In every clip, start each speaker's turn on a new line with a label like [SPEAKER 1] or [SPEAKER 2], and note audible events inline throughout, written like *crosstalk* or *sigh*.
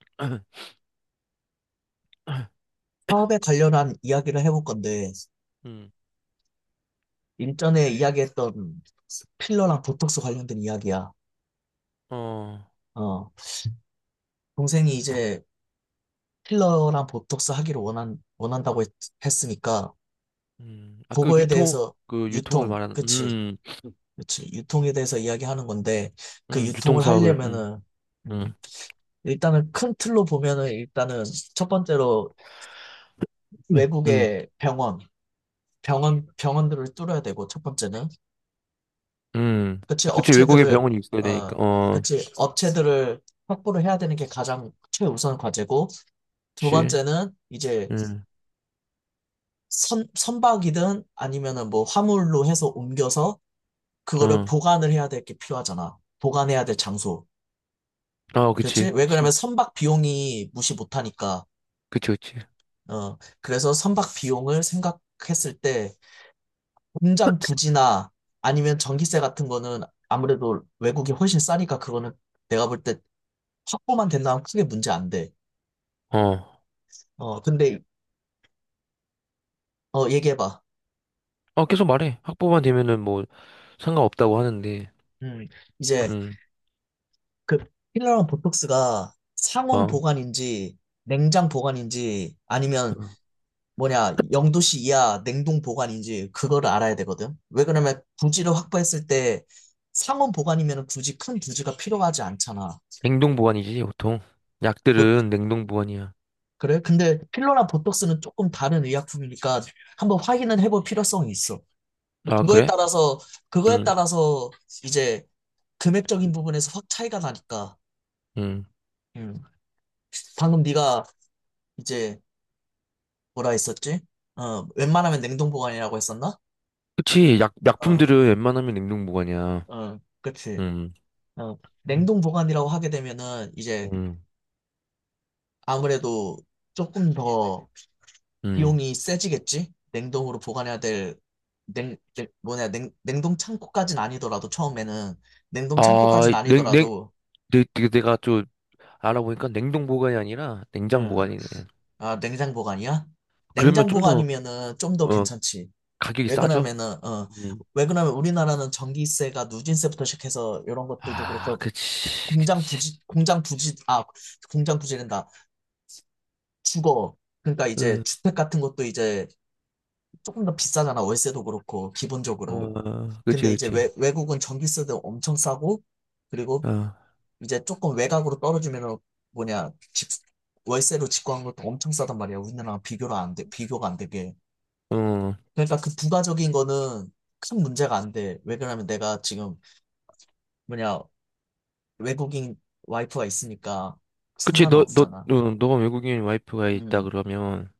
[SPEAKER 1] *clears throat*
[SPEAKER 2] 사업에 관련한 이야기를 해볼 건데,
[SPEAKER 1] 음,
[SPEAKER 2] 일전에 이야기했던 필러랑 보톡스 관련된 이야기야.
[SPEAKER 1] 어,
[SPEAKER 2] 어, 동생이 이제 필러랑 보톡스 하기를 원한다고 했, 으니까
[SPEAKER 1] 아,
[SPEAKER 2] 그거에 대해서
[SPEAKER 1] 그 유통을
[SPEAKER 2] 유통,
[SPEAKER 1] 말하는,
[SPEAKER 2] 그치? 그치? 유통에 대해서 이야기하는 건데, 그
[SPEAKER 1] 유통
[SPEAKER 2] 유통을
[SPEAKER 1] 사업을,
[SPEAKER 2] 하려면은, 음,
[SPEAKER 1] 음,
[SPEAKER 2] 일단은 큰 틀로 보면은, 일단은 첫 번째로
[SPEAKER 1] 음, 음,
[SPEAKER 2] 외국의 병원들을 뚫어야 되고, 첫 번째는.
[SPEAKER 1] 음.
[SPEAKER 2] 그치,
[SPEAKER 1] 그치, 외국에
[SPEAKER 2] 업체들을,
[SPEAKER 1] 병원이 있어야 되니까,
[SPEAKER 2] 어,
[SPEAKER 1] 어,
[SPEAKER 2] 그치, 업체들을 확보를 해야 되는 게 가장 최우선 과제고, 두
[SPEAKER 1] 그치.
[SPEAKER 2] 번째는 이제
[SPEAKER 1] 음,
[SPEAKER 2] 선박이든 아니면은 뭐 화물로 해서 옮겨서 그거를
[SPEAKER 1] 어,
[SPEAKER 2] 보관을 해야 될 게 필요하잖아. 보관해야 될 장소.
[SPEAKER 1] 아,
[SPEAKER 2] 그렇지?
[SPEAKER 1] 그치,
[SPEAKER 2] 왜 그러냐면
[SPEAKER 1] 그치,
[SPEAKER 2] 선박 비용이 무시 못하니까.
[SPEAKER 1] 그치,
[SPEAKER 2] 어, 그래서 선박 비용을 생각했을 때 공장 부지나 아니면 전기세 같은 거는 아무래도 외국이 훨씬 싸니까 그거는 내가 볼 때 확보만 된다면 크게 문제 안 돼.
[SPEAKER 1] 어,
[SPEAKER 2] 어, 근데, 어, 얘기해봐.
[SPEAKER 1] 어, 계속 말해. 학부만 되면은 뭐, 상관없다고 하는데,
[SPEAKER 2] 음, 이제,
[SPEAKER 1] 음,
[SPEAKER 2] 그, 필러랑 보톡스가
[SPEAKER 1] 어,
[SPEAKER 2] 상온
[SPEAKER 1] 어.
[SPEAKER 2] 보관인지, 냉장 보관인지, 아니면, 뭐냐, 0℃ 이하 냉동 보관인지, 그거를 알아야 되거든. 왜 그러냐면, 부지를 확보했을 때, 상온 보관이면 굳이 큰 부지가 필요하지 않잖아.
[SPEAKER 1] 냉동 보관이지, 보통.
[SPEAKER 2] 보-
[SPEAKER 1] 약들은 냉동 보관이야.
[SPEAKER 2] 그래? 근데 필러랑 보톡스는 조금 다른 의약품이니까, 한번 확인은 해볼 필요성이 있어.
[SPEAKER 1] 아,
[SPEAKER 2] 그거에
[SPEAKER 1] 그래?
[SPEAKER 2] 따라서, 그거에
[SPEAKER 1] 음,
[SPEAKER 2] 따라서, 이제, 금액적인 부분에서 확 차이가 나니까,
[SPEAKER 1] 음.
[SPEAKER 2] 음. 방금 네가 이제 뭐라 했었지? 어, 웬만하면 냉동 보관이라고 했었나?
[SPEAKER 1] 그치,
[SPEAKER 2] 어,
[SPEAKER 1] 약품들은 웬만하면 냉동 보관이야.
[SPEAKER 2] 어, 그치. 어,
[SPEAKER 1] 음,
[SPEAKER 2] 냉동 보관이라고 하게 되면은 이제 아무래도 조금 더
[SPEAKER 1] 음.
[SPEAKER 2] 비용이 세지겠지? 냉동으로 보관해야 될 냉동 창고까진 아니더라도 처음에는 냉동
[SPEAKER 1] 아,
[SPEAKER 2] 창고까진 아니더라도
[SPEAKER 1] 내가 좀 알아보니까 냉동 보관이 아니라 냉장
[SPEAKER 2] 응.
[SPEAKER 1] 보관이네.
[SPEAKER 2] 아, 냉장 보관이야?
[SPEAKER 1] 그러면
[SPEAKER 2] 냉장
[SPEAKER 1] 좀 더,
[SPEAKER 2] 보관이면은 좀 더
[SPEAKER 1] 어,
[SPEAKER 2] 괜찮지.
[SPEAKER 1] 가격이
[SPEAKER 2] 왜
[SPEAKER 1] 싸죠?
[SPEAKER 2] 그러냐면은 어,
[SPEAKER 1] 음.
[SPEAKER 2] 왜 그러냐면 우리나라는 전기세가 누진세부터 시작해서 이런 것들도
[SPEAKER 1] 아,
[SPEAKER 2] 그렇고
[SPEAKER 1] 그치,
[SPEAKER 2] 공장
[SPEAKER 1] 그치.
[SPEAKER 2] 부지 공장 부지 아 공장 부지된다 주거 그러니까 이제
[SPEAKER 1] 어,
[SPEAKER 2] 주택 같은 것도 이제 조금 더 비싸잖아. 월세도 그렇고 기본적으로.
[SPEAKER 1] 어, 그치,
[SPEAKER 2] 근데 이제
[SPEAKER 1] 그치.
[SPEAKER 2] 외국은 전기세도 엄청 싸고 그리고
[SPEAKER 1] 어,
[SPEAKER 2] 이제 조금 외곽으로 떨어지면은 뭐냐 집 월세로 집구한 것도 엄청 싸단 말이야. 우리나라랑 비교를 안 돼, 비교가 안 되게.
[SPEAKER 1] 어.
[SPEAKER 2] 그러니까 그 부가적인 거는 큰 문제가 안 돼. 왜 그러냐면 내가 지금 뭐냐, 외국인 와이프가 있으니까
[SPEAKER 1] 그치,
[SPEAKER 2] 상관은 없잖아.
[SPEAKER 1] 어, 너가 외국인 와이프가 있다
[SPEAKER 2] 음,
[SPEAKER 1] 그러면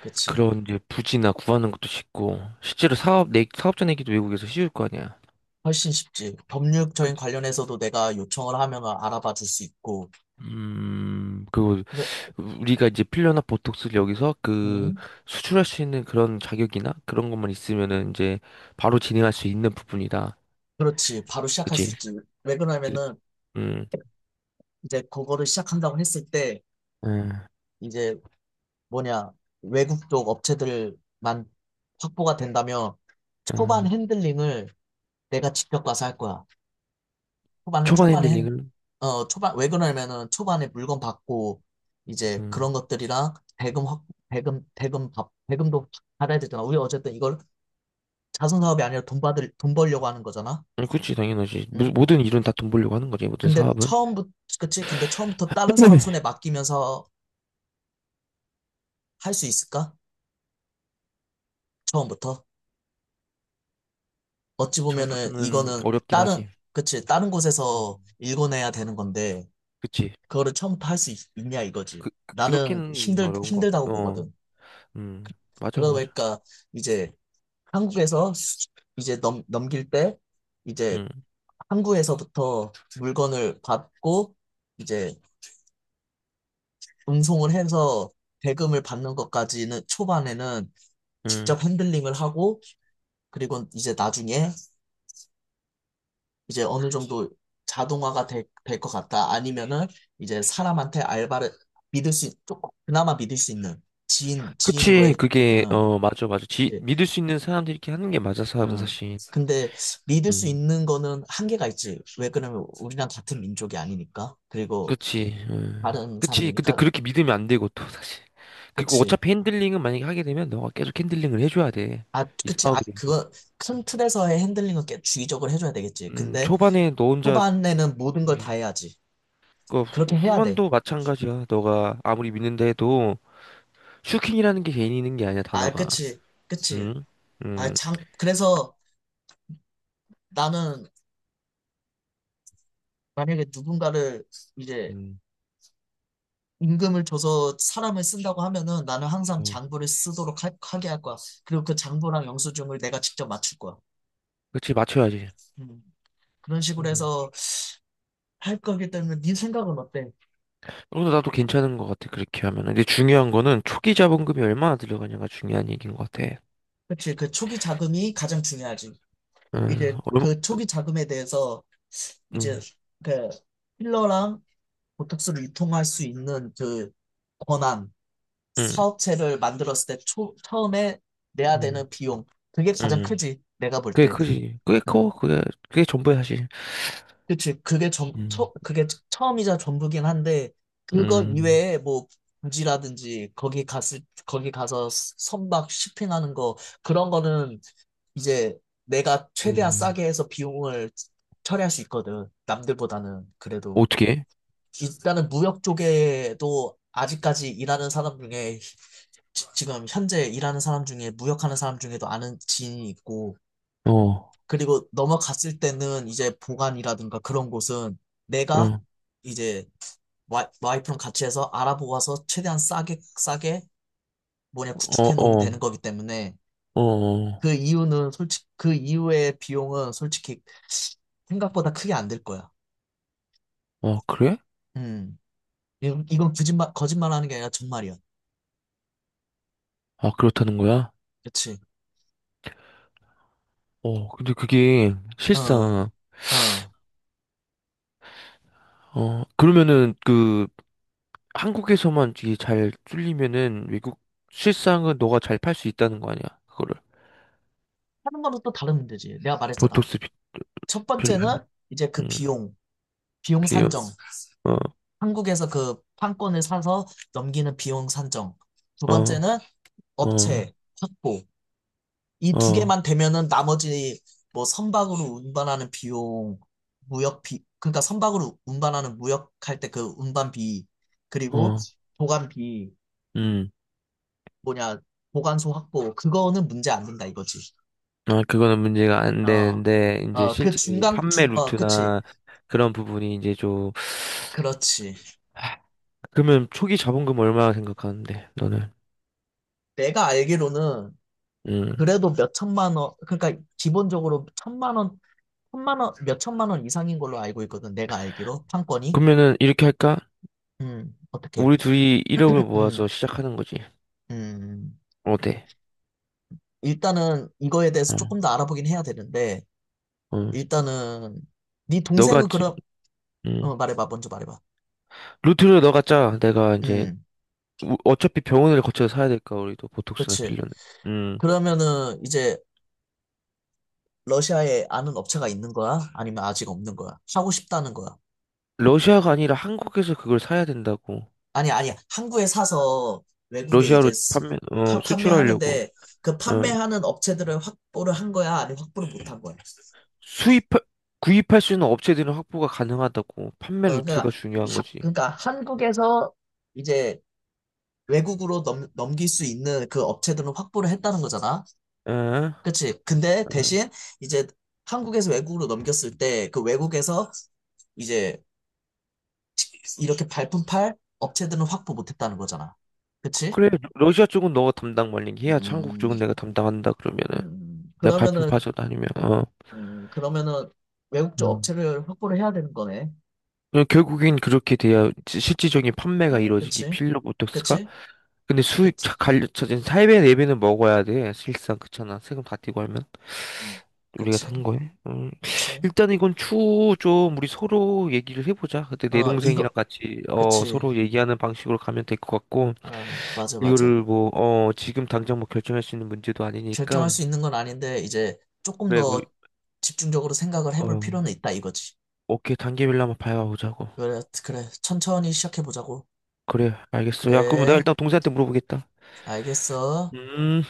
[SPEAKER 2] 그치.
[SPEAKER 1] 그런 이제 부지나 구하는 것도 쉽고, 사업자 내기도 외국에서 쉬울 거 아니야.
[SPEAKER 2] 훨씬 쉽지. 법률적인
[SPEAKER 1] 그치.
[SPEAKER 2] 관련해서도 내가 요청을 하면 알아봐 줄 수 있고.
[SPEAKER 1] 그거
[SPEAKER 2] 그-
[SPEAKER 1] 우리가 이제 필러나 보톡스를 여기서 그
[SPEAKER 2] 음,
[SPEAKER 1] 수출할 수 있는 그런 자격이나 그런 것만 있으면은 이제 바로 진행할 수 있는 부분이다.
[SPEAKER 2] 그렇지. 바로 시작할 수
[SPEAKER 1] 그치?
[SPEAKER 2] 있지. 왜
[SPEAKER 1] 네,
[SPEAKER 2] 그러냐면은
[SPEAKER 1] 음,
[SPEAKER 2] 이제 그거를 시작한다고 했을 때
[SPEAKER 1] 음,
[SPEAKER 2] 이제 뭐냐, 외국 쪽 업체들만 확보가 된다면 초반
[SPEAKER 1] 음.
[SPEAKER 2] 핸들링을 내가 직접 가서 할 거야. 초반은
[SPEAKER 1] 초반
[SPEAKER 2] 초반에 핸-
[SPEAKER 1] 핸들링은,
[SPEAKER 2] 어 초반 왜 그러냐면은 초반에 물건 받고 이제 그런
[SPEAKER 1] 음,
[SPEAKER 2] 것들이랑 대금 확 대금 대금 받 대금도 받아야 되잖아. 우리 어쨌든 이걸 자선 사업이 아니라 돈 벌려고 하는 거잖아.
[SPEAKER 1] 그치, 당연하지.
[SPEAKER 2] 응?
[SPEAKER 1] 모든 일은 다 돈 벌려고 하는 거지, 모든
[SPEAKER 2] 근데
[SPEAKER 1] 사업은.
[SPEAKER 2] 처음부터 그치? 근데 처음부터 다른 사람 손에
[SPEAKER 1] 네.
[SPEAKER 2] 맡기면서 할 수 있을까? 처음부터 어찌 보면은
[SPEAKER 1] 처음부터는
[SPEAKER 2] 이거는
[SPEAKER 1] 어렵긴
[SPEAKER 2] 다른
[SPEAKER 1] 하지.
[SPEAKER 2] 그치? 다른 곳에서
[SPEAKER 1] 음.
[SPEAKER 2] 일궈내야 되는 건데
[SPEAKER 1] 그치?
[SPEAKER 2] 그거를 처음부터 할 수 있냐 이거지. 나는
[SPEAKER 1] 그렇게는 어려운 것 같아.
[SPEAKER 2] 힘들다고
[SPEAKER 1] 어,
[SPEAKER 2] 보거든.
[SPEAKER 1] 맞아, 맞아.
[SPEAKER 2] 그러니까 이제 한국에서 이제 넘길 때 이제
[SPEAKER 1] 음,
[SPEAKER 2] 항구에서부터 물건을 받고 이제 운송을 해서 대금을 받는 것까지는 초반에는
[SPEAKER 1] 음.
[SPEAKER 2] 직접 핸들링을 하고 그리고 이제 나중에 이제 어느 정도 자동화가 될 것 같다. 아니면은 이제 사람한테 알바를 조금 그나마 믿을 수 있는
[SPEAKER 1] 그치,
[SPEAKER 2] 지인으로의,
[SPEAKER 1] 그게,
[SPEAKER 2] 어,
[SPEAKER 1] 어, 맞아, 맞아. 지,
[SPEAKER 2] 그치.
[SPEAKER 1] 믿을 수 있는 사람들이 이렇게 하는 게 맞아, 사업은
[SPEAKER 2] 응.
[SPEAKER 1] 사실.
[SPEAKER 2] 근데 믿을 수
[SPEAKER 1] 음,
[SPEAKER 2] 있는 거는 한계가 있지. 왜 그러면 우리랑 같은 민족이 아니니까. 그리고
[SPEAKER 1] 그치. 음.
[SPEAKER 2] 다른
[SPEAKER 1] 그치. 근데
[SPEAKER 2] 사람이니까.
[SPEAKER 1] 그렇게 믿으면 안 되고, 또, 사실. 그리고
[SPEAKER 2] 그치.
[SPEAKER 1] 어차피 핸들링은 만약에 하게 되면 너가 계속 핸들링을 해줘야 돼.
[SPEAKER 2] 아,
[SPEAKER 1] 이
[SPEAKER 2] 그치. 아,
[SPEAKER 1] 사업에 대해서.
[SPEAKER 2] 그거 큰 틀에서의 핸들링은 꽤 주의적으로 해줘야 되겠지. 근데
[SPEAKER 1] 초반에 너 혼자,
[SPEAKER 2] 초반에는 모든 걸 다
[SPEAKER 1] 음,
[SPEAKER 2] 해야지. 그렇게 해야 돼.
[SPEAKER 1] 후반도 마찬가지야. 너가 아무리 믿는다 해도, 슈킹이라는 게 개인 있는 게 아니야,
[SPEAKER 2] 아,
[SPEAKER 1] 단어가.
[SPEAKER 2] 그치. 그치.
[SPEAKER 1] 음,
[SPEAKER 2] 아,
[SPEAKER 1] 음,
[SPEAKER 2] 그래서 나는 만약에 누군가를 이제
[SPEAKER 1] 음,
[SPEAKER 2] 임금을 줘서 사람을 쓴다고 하면은 나는 항상
[SPEAKER 1] 음.
[SPEAKER 2] 장부를 쓰도록 하게 할 거야. 그리고 그 장부랑 영수증을 내가 직접 맞출 거야.
[SPEAKER 1] 그치, 맞춰야지.
[SPEAKER 2] 음. 그런 식으로
[SPEAKER 1] 음.
[SPEAKER 2] 해서 할 거기 때문에 네 생각은 어때?
[SPEAKER 1] 그래서 나도 괜찮은 것 같아, 그렇게 하면. 근데 중요한 거는 초기 자본금이 얼마나 들어가냐가 중요한 얘기인 것 같아.
[SPEAKER 2] 그치, 그 초기 자금이 가장 중요하지.
[SPEAKER 1] 음,
[SPEAKER 2] 이제
[SPEAKER 1] 얼마,
[SPEAKER 2] 그 초기 자금에 대해서 이제
[SPEAKER 1] 음,
[SPEAKER 2] 그 필러랑 보톡스를 유통할 수 있는 그 권한,
[SPEAKER 1] 음,
[SPEAKER 2] 사업체를 만들었을 때 처음에 내야
[SPEAKER 1] 음.
[SPEAKER 2] 되는 비용, 그게 가장
[SPEAKER 1] 음.
[SPEAKER 2] 크지, 내가 볼
[SPEAKER 1] 그게
[SPEAKER 2] 때.
[SPEAKER 1] 그지. 그게 커.
[SPEAKER 2] 음.
[SPEAKER 1] 그게 전부야 사실.
[SPEAKER 2] 그치,
[SPEAKER 1] 음.
[SPEAKER 2] 그게 처음이자 전부긴 한데, 그거
[SPEAKER 1] 음.
[SPEAKER 2] 이외에 뭐, 부지라든지, 거기 가서 선박 쇼핑하는 거, 그런 거는 이제 내가 최대한
[SPEAKER 1] 음.
[SPEAKER 2] 싸게 해서 비용을 처리할 수 있거든. 남들보다는 그래도
[SPEAKER 1] 어떻게?
[SPEAKER 2] 일단은 무역 쪽에도 아직까지 일하는 사람 중에 지금 현재 일하는 사람 중에 무역하는 사람 중에도 아는 지인이 있고
[SPEAKER 1] 어. 어.
[SPEAKER 2] 그리고 넘어갔을 때는 이제 보관이라든가 그런 곳은 내가 이제 와이프랑 같이 해서 알아보아서 최대한 싸게 싸게 뭐냐
[SPEAKER 1] 어.
[SPEAKER 2] 구축해 놓으면
[SPEAKER 1] 어.
[SPEAKER 2] 되는 거기 때문에
[SPEAKER 1] 어. 어.
[SPEAKER 2] 그 이유는 솔직 그 이후의 비용은 솔직히 생각보다 크게 안 들 거야.
[SPEAKER 1] 아, 그래?
[SPEAKER 2] 음. 이건 거짓말 하는 게 아니라 정말이야.
[SPEAKER 1] 아, 그렇다는 거야?
[SPEAKER 2] 그치?
[SPEAKER 1] 어. 근데 그게
[SPEAKER 2] 어.
[SPEAKER 1] 실상
[SPEAKER 2] 어.
[SPEAKER 1] 어, 그러면은 그 한국에서만 이게 잘 뚫리면은 외국 실상은 너가 잘 팔 수 있다는 거 아니야? 그거를.
[SPEAKER 2] 하는 거는 또 다른 문제지. 내가 말했잖아.
[SPEAKER 1] 보톡스 비-
[SPEAKER 2] 첫
[SPEAKER 1] 필름.
[SPEAKER 2] 번째는 이제
[SPEAKER 1] 음.
[SPEAKER 2] 비용
[SPEAKER 1] 비용.
[SPEAKER 2] 산정.
[SPEAKER 1] 어.
[SPEAKER 2] 한국에서 그 판권을 사서 넘기는 비용 산정. 두
[SPEAKER 1] 어.
[SPEAKER 2] 번째는
[SPEAKER 1] 어.
[SPEAKER 2] 업체 확보. 이 두
[SPEAKER 1] 어.
[SPEAKER 2] 개만 되면은 나머지 뭐 선박으로 운반하는 비용, 무역비, 그러니까 선박으로 운반하는 무역할 때 그 운반비, 그리고
[SPEAKER 1] 어.
[SPEAKER 2] 보관비,
[SPEAKER 1] 음.
[SPEAKER 2] 뭐냐, 보관소 확보, 그거는 문제 안 된다 이거지.
[SPEAKER 1] 아, 그거는 문제가 안
[SPEAKER 2] 어,
[SPEAKER 1] 되는데, 이제
[SPEAKER 2] 어, 그
[SPEAKER 1] 실제 이
[SPEAKER 2] 중간,
[SPEAKER 1] 판매
[SPEAKER 2] 그치.
[SPEAKER 1] 루트나 그런 부분이 이제 좀,
[SPEAKER 2] 그렇지.
[SPEAKER 1] 아, 그러면 초기 자본금 얼마 생각하는데, 너는?
[SPEAKER 2] 내가 알기로는
[SPEAKER 1] 음.
[SPEAKER 2] 그래도 몇 천만 원, 그러니까 기본적으로 1,000만 원, 1,000만 원, 몇 천만 원 이상인 걸로 알고 있거든. 내가 알기로. 판권이.
[SPEAKER 1] 그러면은 이렇게 할까?
[SPEAKER 2] 어떻게.
[SPEAKER 1] 우리 둘이 1억을
[SPEAKER 2] 음,
[SPEAKER 1] 모아서 시작하는 거지.
[SPEAKER 2] 음.
[SPEAKER 1] 어때?
[SPEAKER 2] 일단은 이거에 대해서
[SPEAKER 1] 어,
[SPEAKER 2] 조금 더 알아보긴 해야 되는데,
[SPEAKER 1] 어.
[SPEAKER 2] 일단은 네
[SPEAKER 1] 너가,
[SPEAKER 2] 동생은
[SPEAKER 1] 지-
[SPEAKER 2] 그럼
[SPEAKER 1] 음.
[SPEAKER 2] 어, 먼저 말해봐.
[SPEAKER 1] 루트를 너가 짜.
[SPEAKER 2] 음,
[SPEAKER 1] 어차피 병원을 거쳐서 사야 될까, 우리도 보톡스나
[SPEAKER 2] 그렇지.
[SPEAKER 1] 필러는. 음.
[SPEAKER 2] 그러면은 이제 러시아에 아는 업체가 있는 거야? 아니면 아직 없는 거야? 하고 싶다는 거야?
[SPEAKER 1] 러시아가 아니라 한국에서 그걸 사야 된다고.
[SPEAKER 2] 아니, 아니야. 한국에 사서 외국에 이제
[SPEAKER 1] 러시아로 판매, 어, 수출하려고.
[SPEAKER 2] 판매하는데 그
[SPEAKER 1] 어.
[SPEAKER 2] 판매하는 업체들을 확보를 한 거야? 아니면 확보를 못한 거야?
[SPEAKER 1] 수입, 구입할 수 있는 업체들은 확보가 가능하다고. 판매
[SPEAKER 2] 어,
[SPEAKER 1] 루트가 중요한 거지.
[SPEAKER 2] 그러니까 한국에서 이제 외국으로 넘길 수 있는 그 업체들은 확보를 했다는 거잖아?
[SPEAKER 1] 에? 에.
[SPEAKER 2] 그치. 근데 대신 이제 한국에서 외국으로 넘겼을 때 그 외국에서 이제 이렇게 발품 팔 업체들은 확보 못했다는 거잖아. 그치?
[SPEAKER 1] 그래, 러시아 쪽은 너가 담당 말링 해야 한국
[SPEAKER 2] 음,
[SPEAKER 1] 쪽은 내가 담당한다 그러면은
[SPEAKER 2] 음,
[SPEAKER 1] 내가 발품
[SPEAKER 2] 그러면은,
[SPEAKER 1] 빠져다니면 어.
[SPEAKER 2] 그러면은 외국 쪽
[SPEAKER 1] 음.
[SPEAKER 2] 업체를 확보를 해야 되는 거네.
[SPEAKER 1] 그냥 결국엔 그렇게 돼야 지- 실질적인 판매가
[SPEAKER 2] 어,
[SPEAKER 1] 이루어지기
[SPEAKER 2] 그치?
[SPEAKER 1] 필러 보톡스가
[SPEAKER 2] 그치?
[SPEAKER 1] 근데 수익
[SPEAKER 2] 그치?
[SPEAKER 1] 갈려 저진 4배 4배는 먹어야 돼. 실상 그렇잖아. 세금 다 떼고 하면
[SPEAKER 2] 음,
[SPEAKER 1] 우리가
[SPEAKER 2] 그치?
[SPEAKER 1] 사는 거에. 음.
[SPEAKER 2] 그치?
[SPEAKER 1] 일단 이건 추후 좀 우리 서로 얘기를 해보자. 그때 내
[SPEAKER 2] 어,
[SPEAKER 1] 동생이랑
[SPEAKER 2] 이거,
[SPEAKER 1] 같이 어
[SPEAKER 2] 그치.
[SPEAKER 1] 서로 얘기하는 방식으로 가면 될 것 같고
[SPEAKER 2] 어, 맞아, 맞아.
[SPEAKER 1] 이거를 뭐 어 지금 당장 뭐 결정할 수 있는 문제도 아니니까
[SPEAKER 2] 결정할 수 있는 건 아닌데 이제 조금
[SPEAKER 1] 그래 우리
[SPEAKER 2] 더 집중적으로 생각을
[SPEAKER 1] 어
[SPEAKER 2] 해볼 필요는 있다 이거지.
[SPEAKER 1] 오케이 단계별로 한번 봐보자고.
[SPEAKER 2] 그래, 그래. 천천히 시작해보자고.
[SPEAKER 1] 그래 알겠어. 야 그럼 내가
[SPEAKER 2] 그래,
[SPEAKER 1] 일단 동생한테 물어보겠다.
[SPEAKER 2] 알겠어.
[SPEAKER 1] 음.